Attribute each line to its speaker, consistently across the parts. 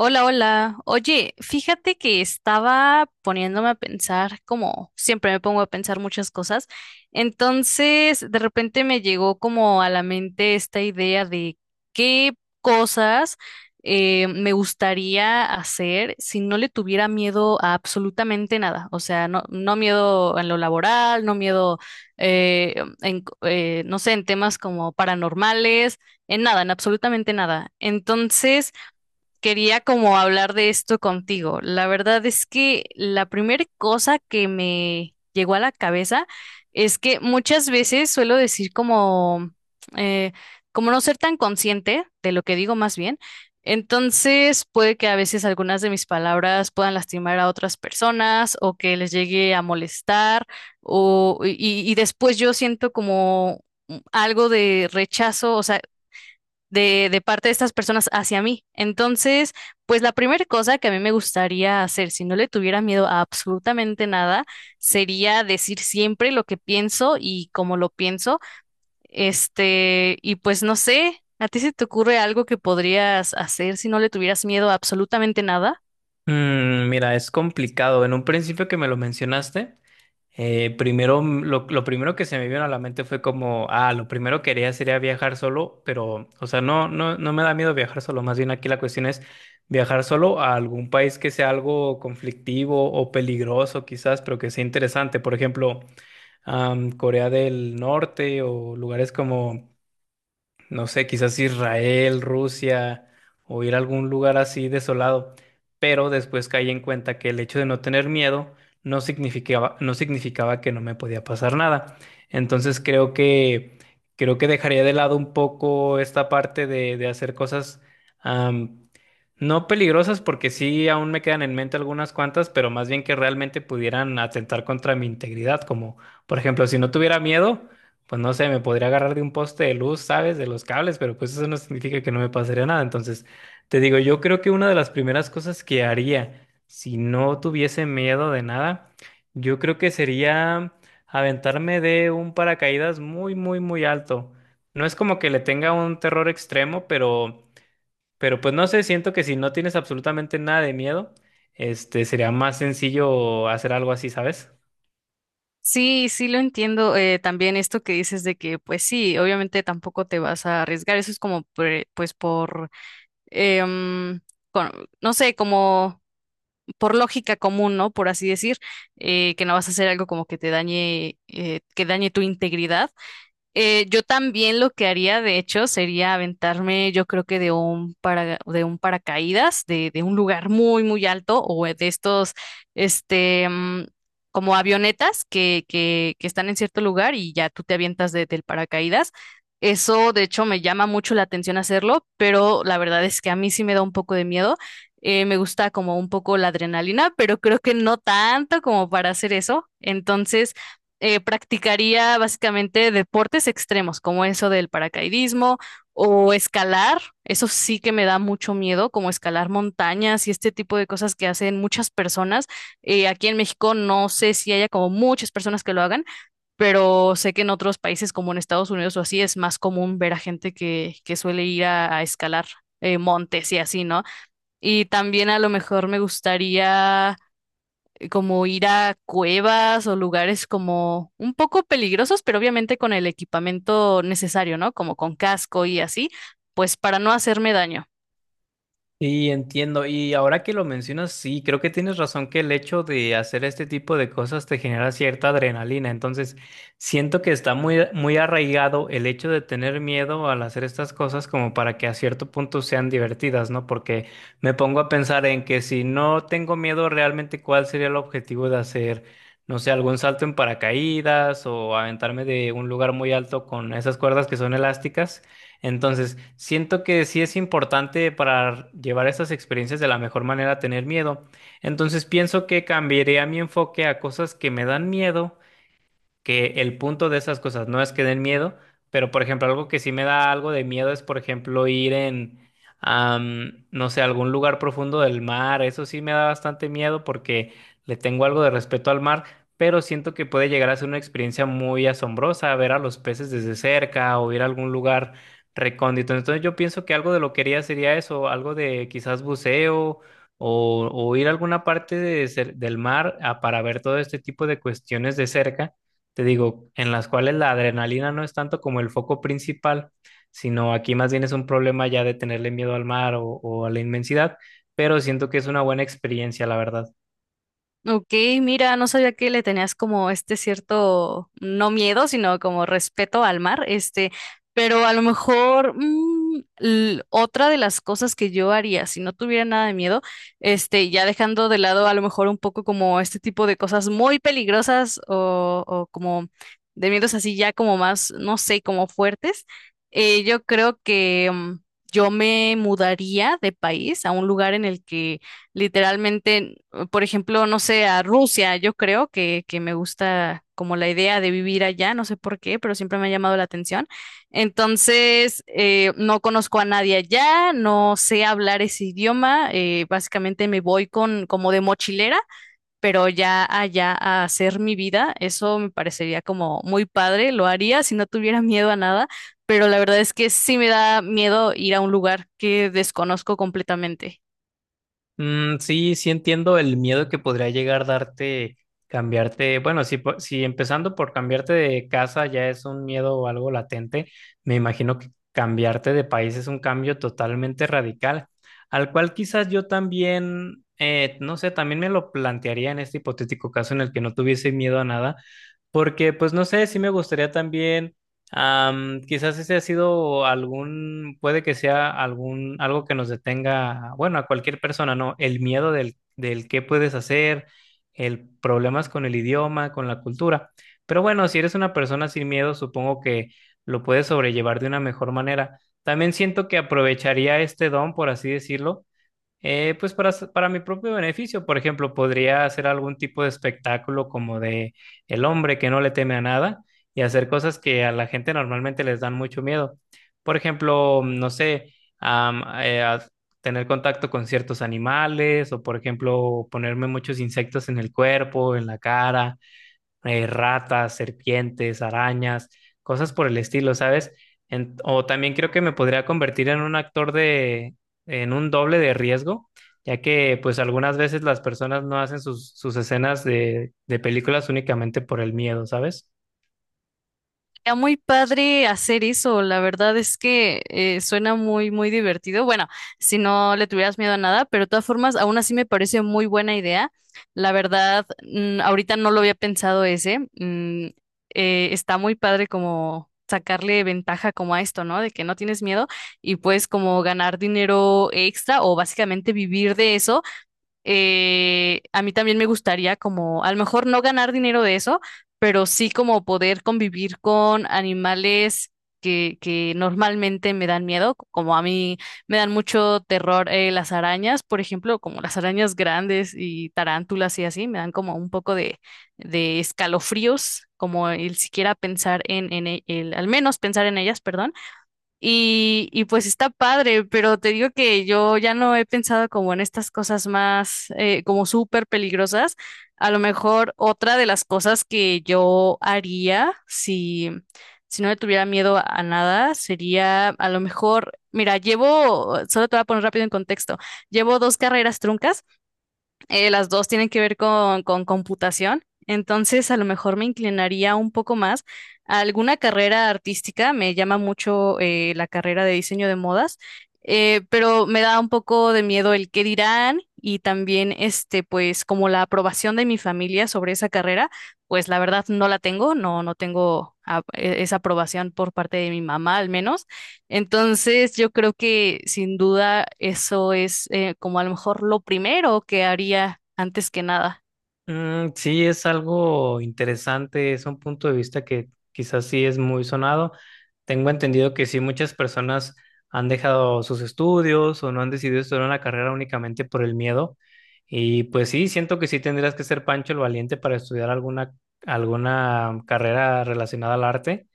Speaker 1: Hola, hola. Oye, fíjate que estaba poniéndome a pensar, como siempre me pongo a pensar muchas cosas. Entonces, de repente me llegó como a la mente esta idea de qué cosas me gustaría hacer si no le tuviera miedo a absolutamente nada. O sea, no miedo en lo laboral, no miedo eh, en, no sé, en temas como paranormales, en nada, en absolutamente nada. Entonces, quería como hablar de esto contigo. La verdad es que la primera cosa que me llegó a la cabeza es que muchas veces suelo decir eh, como no ser tan consciente de lo que digo más bien. Entonces puede que a veces algunas de mis palabras puedan lastimar a otras personas o que les llegue a molestar y después yo siento como algo de rechazo, o sea, de parte de estas personas hacia mí. Entonces, pues la primera cosa que a mí me gustaría hacer, si no le tuviera miedo a absolutamente nada, sería decir siempre lo que pienso y cómo lo pienso. Este, y pues no sé, ¿a ti se te ocurre algo que podrías hacer si no le tuvieras miedo a absolutamente nada?
Speaker 2: Mira, es complicado. En un principio que me lo mencionaste, lo primero que se me vino a la mente fue como, ah, lo primero que haría sería viajar solo, pero, o sea, no me da miedo viajar solo. Más bien aquí la cuestión es viajar solo a algún país que sea algo conflictivo o peligroso, quizás, pero que sea interesante. Por ejemplo, Corea del Norte o lugares como no sé, quizás Israel, Rusia o ir a algún lugar así desolado, pero después caí en cuenta que el hecho de no tener miedo no significaba que no me podía pasar nada. Entonces creo que dejaría de lado un poco esta parte de hacer cosas am, no peligrosas, porque sí aún me quedan en mente algunas cuantas, pero más bien que realmente pudieran atentar contra mi integridad, como por ejemplo, si no tuviera miedo. Pues no sé, me podría agarrar de un poste de luz, ¿sabes? De los cables, pero pues eso no significa que no me pasaría nada. Entonces, te digo, yo creo que una de las primeras cosas que haría si no tuviese miedo de nada, yo creo que sería aventarme de un paracaídas muy, muy, muy alto. No es como que le tenga un terror extremo, pero pues no sé, siento que si no tienes absolutamente nada de miedo, sería más sencillo hacer algo así, ¿sabes?
Speaker 1: Sí, sí lo entiendo. También esto que dices de que, pues sí, obviamente tampoco te vas a arriesgar. Eso es como, pues por, em, con- no sé, como por lógica común, ¿no? Por así decir, que no vas a hacer algo como que te dañe, que dañe tu integridad. Yo también lo que haría, de hecho, sería aventarme, yo creo que de un paracaídas, de un lugar muy, muy alto, o de estos, este, como avionetas que están en cierto lugar y ya tú te avientas del paracaídas. Eso, de hecho, me llama mucho la atención hacerlo, pero la verdad es que a mí sí me da un poco de miedo. Me gusta como un poco la adrenalina, pero creo que no tanto como para hacer eso. Entonces, practicaría básicamente deportes extremos, como eso del paracaidismo o escalar. Eso sí que me da mucho miedo, como escalar montañas y este tipo de cosas que hacen muchas personas. Aquí en México no sé si haya como muchas personas que lo hagan, pero sé que en otros países como en Estados Unidos o así es más común ver a gente que suele ir a escalar. Montes y así, ¿no? Y también a lo mejor me gustaría como ir a cuevas o lugares como un poco peligrosos, pero obviamente con el equipamiento necesario, ¿no? Como con casco y así, pues para no hacerme daño.
Speaker 2: Sí, entiendo. Y ahora que lo mencionas, sí, creo que tienes razón que el hecho de hacer este tipo de cosas te genera cierta adrenalina. Entonces, siento que está muy, muy arraigado el hecho de tener miedo al hacer estas cosas como para que a cierto punto sean divertidas, ¿no? Porque me pongo a pensar en que si no tengo miedo realmente, ¿cuál sería el objetivo de hacer, no sé, algún salto en paracaídas o aventarme de un lugar muy alto con esas cuerdas que son elásticas? Entonces, siento que sí es importante para llevar estas experiencias de la mejor manera tener miedo. Entonces, pienso que cambiaría mi enfoque a cosas que me dan miedo que el punto de esas cosas no es que den miedo, pero por ejemplo, algo que sí me da algo de miedo es, por ejemplo, no sé, algún lugar profundo del mar. Eso sí me da bastante miedo porque le tengo algo de respeto al mar, pero siento que puede llegar a ser una experiencia muy asombrosa ver a los peces desde cerca o ir a algún lugar recóndito. Entonces yo pienso que algo de lo que haría sería eso, algo de quizás buceo. O ir a alguna parte de cer- del mar ah, para ver todo este tipo de cuestiones de cerca te digo, en las cuales la adrenalina no es tanto como el foco principal, sino aquí más bien es un problema ya de tenerle miedo al mar o a la inmensidad, pero siento que es una buena experiencia, la verdad.
Speaker 1: Ok, mira, no sabía que le tenías como este cierto, no miedo, sino como respeto al mar, este, pero a lo mejor otra de las cosas que yo haría si no tuviera nada de miedo, este, ya dejando de lado a lo mejor un poco como este tipo de cosas muy peligrosas o como de miedos así ya como más, no sé, como fuertes, yo creo que yo me mudaría de país a un lugar en el que literalmente por ejemplo, no sé, a Rusia, yo creo que me gusta como la idea de vivir allá, no sé por qué, pero siempre me ha llamado la atención. Entonces, no conozco a nadie allá, no sé hablar ese idioma, básicamente me voy con como de mochilera, pero ya allá a hacer mi vida, eso me parecería como muy padre, lo haría si no tuviera miedo a nada, pero la verdad es que sí me da miedo ir a un lugar que desconozco completamente.
Speaker 2: Sí, entiendo el miedo que podría llegar a darte cambiarte. Bueno, si, po- si empezando por cambiarte de casa ya es un miedo o algo latente, me imagino que cambiarte de país es un cambio totalmente radical, al cual quizás yo también, no sé, también me lo plantearía en este hipotético caso en el que no tuviese miedo a nada, porque pues no sé, sí me gustaría también. Am, quizás ese ha sido algún, puede que sea algún, algo que nos detenga, bueno, a cualquier persona, ¿no? El miedo del qué puedes hacer, el problemas con el idioma, con la cultura. Pero bueno, si eres una persona sin miedo, supongo que lo puedes sobrellevar de una mejor manera. También siento que aprovecharía este don, por así decirlo, pues para, s- para mi propio beneficio, por ejemplo, podría hacer algún tipo de espectáculo como de el hombre que no le teme a nada y hacer cosas que a la gente normalmente les dan mucho miedo. Por ejemplo, no sé, a tener contacto con ciertos animales o, por ejemplo, ponerme muchos insectos en el cuerpo, en la cara ratas, serpientes, arañas, cosas por el estilo, ¿sabes? En- o también creo que me podría convertir en un actor en un doble de riesgo, ya que pues algunas veces las personas no hacen sus escenas de películas únicamente por el miedo, ¿sabes?
Speaker 1: Era muy padre hacer eso, la verdad es que suena muy, muy divertido. Bueno, si no le tuvieras miedo a nada, pero de todas formas, aún así me parece muy buena idea. La verdad, ahorita no lo había pensado ese. Está muy padre como sacarle ventaja como a esto, ¿no? De que no tienes miedo y puedes como ganar dinero extra o básicamente vivir de eso. A mí también me gustaría como, a lo mejor no ganar dinero de eso, pero sí como poder convivir con animales que normalmente me dan miedo, como a mí me dan mucho terror las arañas, por ejemplo, como las arañas grandes y tarántulas y así, me dan como un poco de escalofríos, como el siquiera pensar en, el, al menos pensar en ellas, perdón. Y pues está padre, pero te digo que yo ya no he pensado como en estas cosas más como súper peligrosas. A lo mejor otra de las cosas que yo haría si no le tuviera miedo a nada sería a lo mejor, mira, llevo, solo te voy a poner rápido en contexto, llevo dos carreras truncas las dos tienen que ver con computación, entonces a lo mejor me inclinaría un poco más a alguna carrera artística, me llama mucho la carrera de diseño de modas, pero me da un poco de miedo el qué dirán y también este, pues como la aprobación de mi familia sobre esa carrera, pues la verdad no la tengo, no tengo esa aprobación por parte de mi mamá al menos. Entonces, yo creo que sin duda eso es como a lo mejor lo primero que haría antes que nada.
Speaker 2: Mm, sí, es algo interesante, es un punto de vista que quizás sí es muy sonado. Tengo entendido que sí, muchas personas han dejado sus estudios o no han decidido estudiar una carrera únicamente por el miedo. Y pues sí, siento que sí tendrías que ser Pancho el Valiente para estudiar alguna, alguna carrera relacionada al arte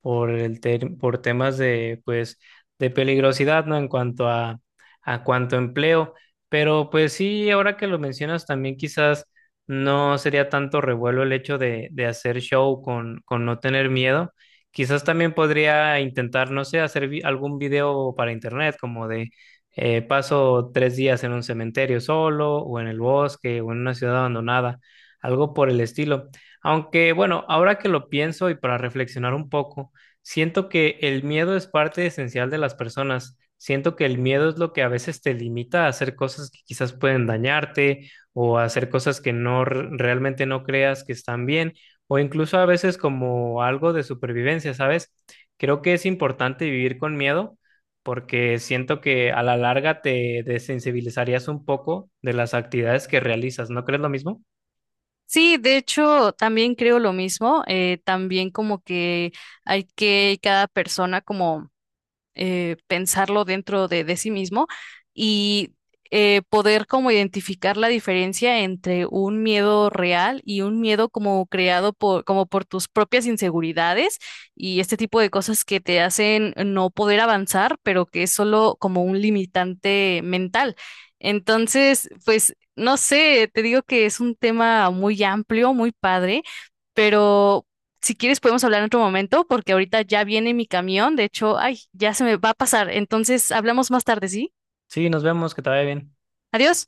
Speaker 2: por el ter- por temas de, pues, de peligrosidad, ¿no? En cuanto a cuanto a empleo. Pero pues sí, ahora que lo mencionas también quizás no sería tanto revuelo el hecho de hacer show con no tener miedo. Quizás también podría intentar, no sé, hacer vi- algún video para internet, como de paso 3 días en un cementerio solo, o en el bosque, o en una ciudad abandonada, algo por el estilo. Aunque bueno, ahora que lo pienso y para reflexionar un poco, siento que el miedo es parte esencial de las personas. Siento que el miedo es lo que a veces te limita a hacer cosas que quizás pueden dañarte o hacer cosas que no r- realmente no creas que están bien, o incluso a veces como algo de supervivencia, ¿sabes? Creo que es importante vivir con miedo porque siento que a la larga te desensibilizarías un poco de las actividades que realizas, ¿no crees lo mismo?
Speaker 1: Sí, de hecho, también creo lo mismo. También como que hay que cada persona como pensarlo dentro de sí mismo y poder como identificar la diferencia entre un miedo real y un miedo como creado por, como por tus propias inseguridades y este tipo de cosas que te hacen no poder avanzar, pero que es solo como un limitante mental. Entonces, pues, no sé, te digo que es un tema muy amplio, muy padre. Pero si quieres, podemos hablar en otro momento porque ahorita ya viene mi camión. De hecho, ay, ya se me va a pasar. Entonces, hablamos más tarde, ¿sí?
Speaker 2: Sí, nos vemos, que te vaya bien.
Speaker 1: Adiós.